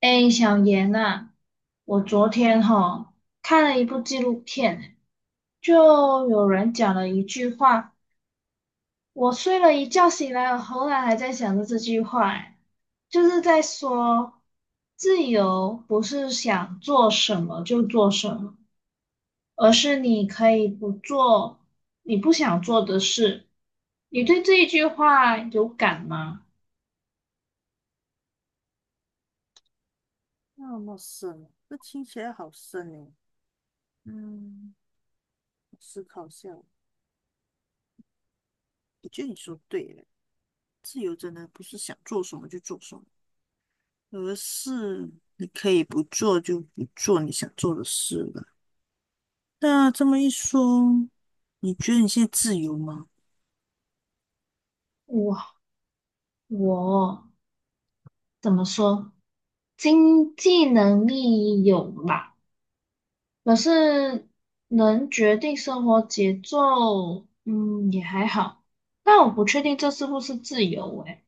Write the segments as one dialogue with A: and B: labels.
A: 哎，小严啊，我昨天哈看了一部纪录片，就有人讲了一句话，我睡了一觉醒来，我后来还在想着这句话，哎就是在说自由不是想做什么就做什么，而是你可以不做你不想做的事。你对这一句话有感吗？
B: 那么深，这听起来好深哦。嗯，我思考一下哦，我觉得你说对了，自由真的不是想做什么就做什么，而是你可以不做就不做你想做的事了。那这么一说，你觉得你现在自由吗？
A: 我我怎么说？经济能力有吧，可是能决定生活节奏，嗯，也还好。但我不确定这是不是自由诶，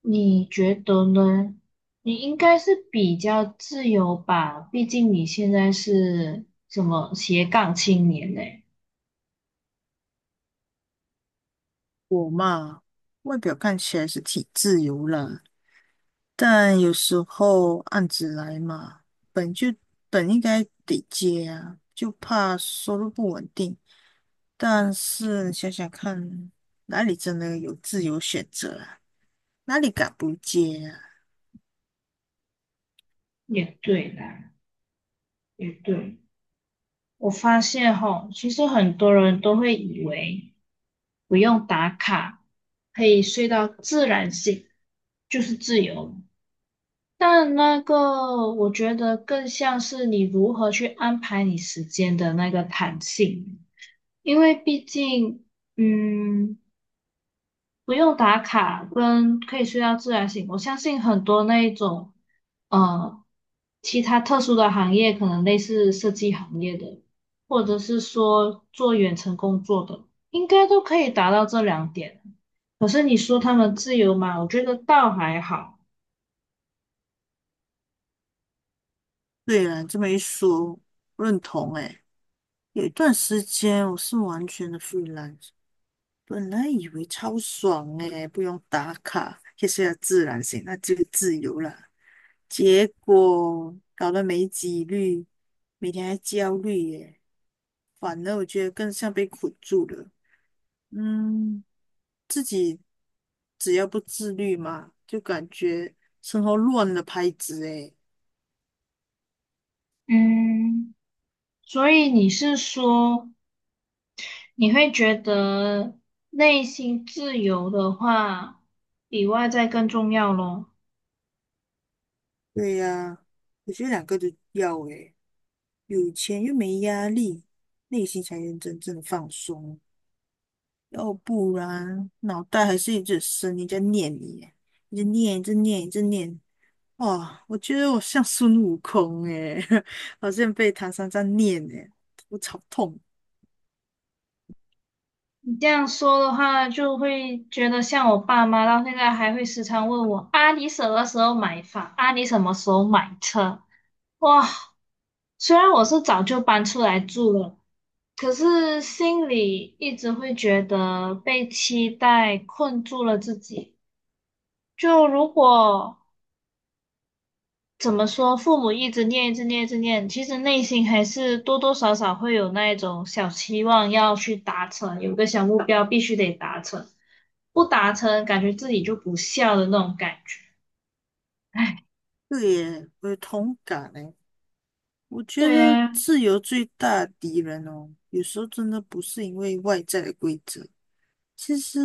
A: 你觉得呢？你应该是比较自由吧，毕竟你现在是什么斜杠青年呢？
B: 我嘛，外表看起来是挺自由啦，但有时候案子来嘛，本就本应该得接啊，就怕收入不稳定。但是想想看，哪里真的有自由选择啊？哪里敢不接啊？
A: 也对啦，也对。我发现吼，其实很多人都会以为不用打卡，可以睡到自然醒，就是自由。但那个，我觉得更像是你如何去安排你时间的那个弹性，因为毕竟，嗯，不用打卡，跟可以睡到自然醒。我相信很多那一种，呃，其他特殊的行业，可能类似设计行业的，或者是说做远程工作的，应该都可以达到这两点。可是你说他们自由嘛，我觉得倒还好。
B: 对啊，这么一说，认同诶。有一段时间我是完全的 freelance，本来以为超爽诶，不用打卡，也是要自然型，那就自由了。结果搞得没几率，每天还焦虑耶，反而我觉得更像被捆住了。嗯，自己只要不自律嘛，就感觉生活乱了拍子诶。
A: 嗯，所以你是说你会觉得内心自由的话，比外在更重要咯？
B: 对呀，我觉得两个都要诶，有钱又没压力，内心才能真正的放松。要不然脑袋还是一直生，一直念你，一直念，一直念，一直念，哇，我觉得我像孙悟空诶，好像被唐三藏念诶，我超痛。
A: 你这样说的话，就会觉得像我爸妈到现在还会时常问我啊，你什么时候买房？啊，你什么时候买车？哇，虽然我是早就搬出来住了，可是心里一直会觉得被期待困住了自己。就如果怎么说，父母一直念，一直念，一直念，其实内心还是多多少少会有那一种小期望要去达成，有个小目标必须得达成，不达成感觉自己就不孝的那种感觉。哎，
B: 对耶，我有同感诶。我觉
A: 对
B: 得
A: 啊，
B: 自由最大的敌人哦，有时候真的不是因为外在的规则，其实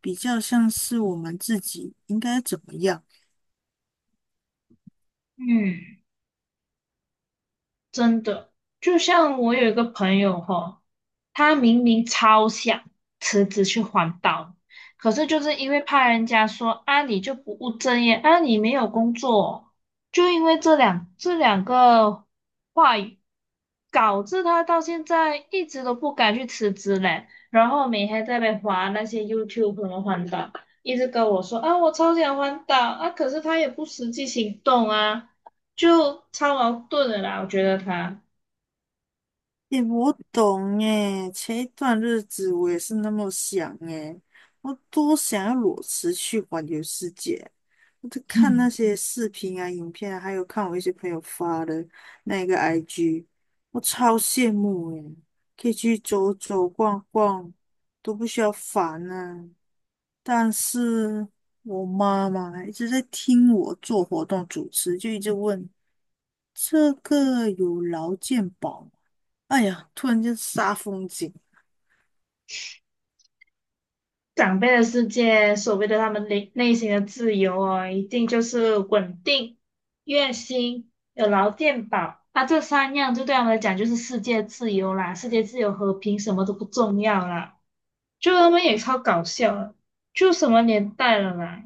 B: 比较像是我们自己应该怎么样。
A: 嗯。真的，就像我有一个朋友哈，他明明超想辞职去环岛，可是就是因为怕人家说啊你就不务正业，啊你没有工作，就因为这两个话语，导致他到现在一直都不敢去辞职嘞。然后每天在那边滑那些 YouTube 什么环岛，一直跟我说啊我超想环岛啊，可是他也不实际行动啊。就超矛盾的啦。我觉得他
B: 诶，我懂诶，前一段日子我也是那么想诶，我多想要裸辞去环游世界。我在看那些视频啊、影片啊，还有看我一些朋友发的那个 IG，我超羡慕诶，可以去走走逛逛，都不需要烦啊。但是我妈妈一直在听我做活动主持，就一直问这个有劳健保。哎呀，突然间杀风景。
A: 长辈的世界，所谓的他们内内心的自由哦，一定就是稳定、月薪、有劳健保，那这三样就对他们来讲就是世界自由啦，世界自由和平什么都不重要啦。就他们也超搞笑了，就什么年代了啦？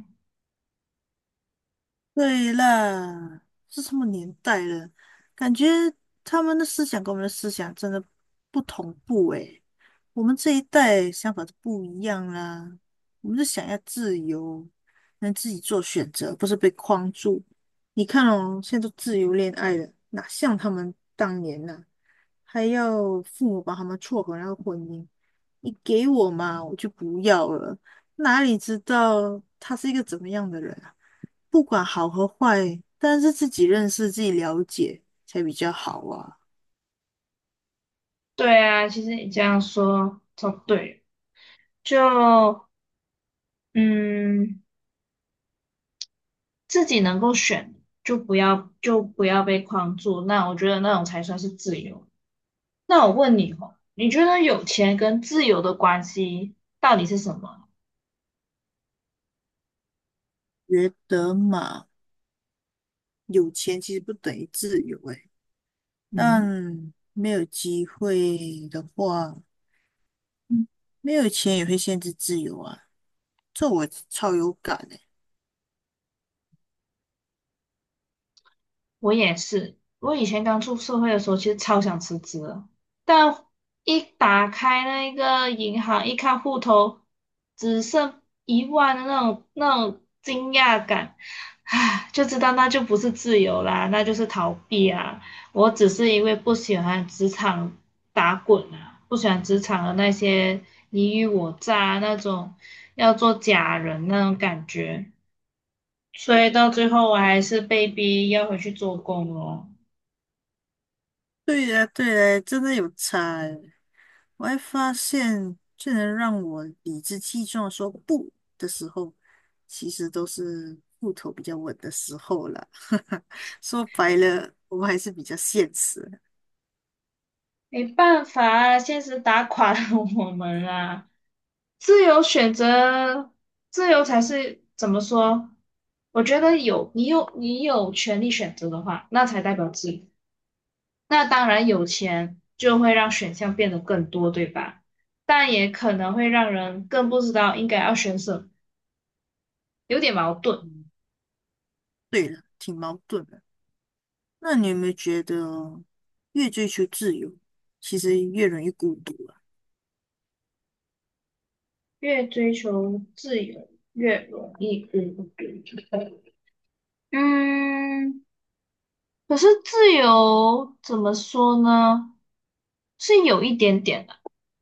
B: 对啦，是什么年代了？感觉他们的思想跟我们的思想真的不同步诶。我们这一代想法是不一样啦，我们是想要自由，能自己做选择，不是被框住。你看哦，现在都自由恋爱了，哪像他们当年呐、还要父母把他们撮合那个婚姻，你给我嘛，我就不要了。哪里知道他是一个怎么样的人啊不管好和坏，但是自己认识、自己了解才比较好啊。
A: 对啊，其实你这样说超对，就嗯。自己能够选，就不要被框住。那我觉得那种才算是自由。那我问你哦，你觉得有钱跟自由的关系到底是什么？
B: 觉得嘛，有钱其实不等于自由诶，但
A: 嗯。
B: 没有机会的话，嗯没有钱也会限制自由啊。这我超有感诶。
A: 我也是，我以前刚出社会的时候，其实超想辞职的，但一打开那个银行，一看户头只剩1万的那种惊讶感，唉，就知道那就不是自由啦，那就是逃避啊。我只是因为不喜欢职场打滚啊，不喜欢职场的那些你虞我诈啊那种要做假人那种感觉。所以到最后我还是被逼要回去做工咯，
B: 对呀，对呀，真的有差诶。我还发现，最能让我理直气壮说不的时候，其实都是户头比较稳的时候了。说白了，我还是比较现实的。
A: 没办法啊，现实打垮了我们啊。自由选择，自由才是怎么说？我觉得有你有你有权利选择的话，那才代表自由。那当然，有钱就会让选项变得更多，对吧？但也可能会让人更不知道应该要选什么，有点矛盾。
B: 嗯，对了，挺矛盾的。那你有没有觉得，越追求自由，其实越容易孤独啊？
A: 越追求自由，越容易孤独。嗯，可是自由怎么说呢？是有一点点的。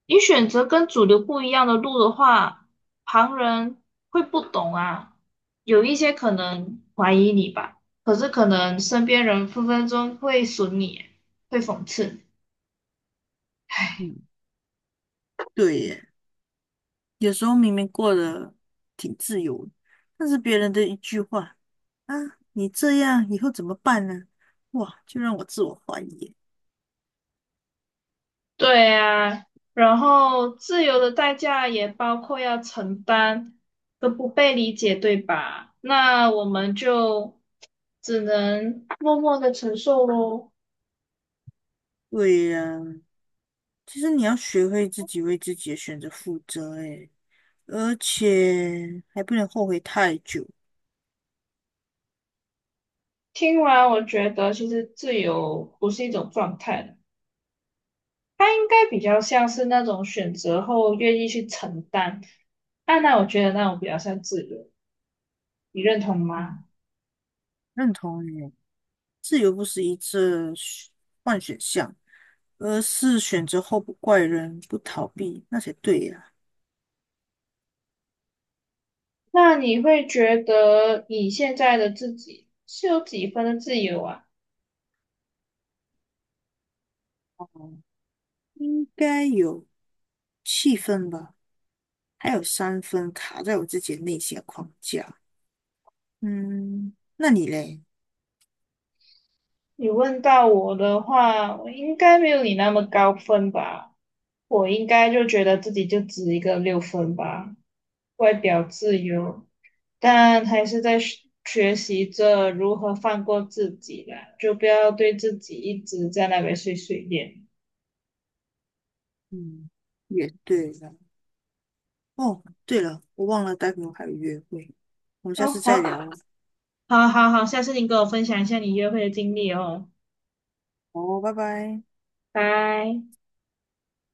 A: 你选择跟主流不一样的路的话，旁人会不懂啊，有一些可能怀疑你吧，可是可能身边人分分钟会损你，会讽刺你。
B: 嗯，对耶，有时候明明过得挺自由的，但是别人的一句话啊，你这样以后怎么办呢？哇，就让我自我怀疑耶。
A: 对呀，然后自由的代价也包括要承担的不被理解，对吧？那我们就只能默默的承受咯。
B: 对呀，其实你要学会自己为自己的选择负责，诶，而且还不能后悔太久。
A: 听完，我觉得其实自由不是一种状态，它应该比较像是那种选择后愿意去承担。啊，那我觉得那种比较像自由，你认同吗？
B: 嗯，认同你，自由不是一次选换选项，而是选择后不怪人，不逃避，那才对呀。
A: 那你会觉得你现在的自己是有几分的自由啊？
B: 哦，应该有7分吧，还有3分卡在我自己的内心的框架。嗯，那你嘞？
A: 你问到我的话，我应该没有你那么高分吧？我应该就觉得自己就值一个6分吧。外表自由，但还是在学习着如何放过自己啦，就不要对自己一直在那边碎碎念。
B: 嗯，也对了。哦，对了，我忘了待会我还有约会，我们下
A: 哦，
B: 次再
A: 好，
B: 聊
A: 好，好，好，下次你跟我分享一下你约会的经历哦，
B: 哦，拜拜。
A: 拜。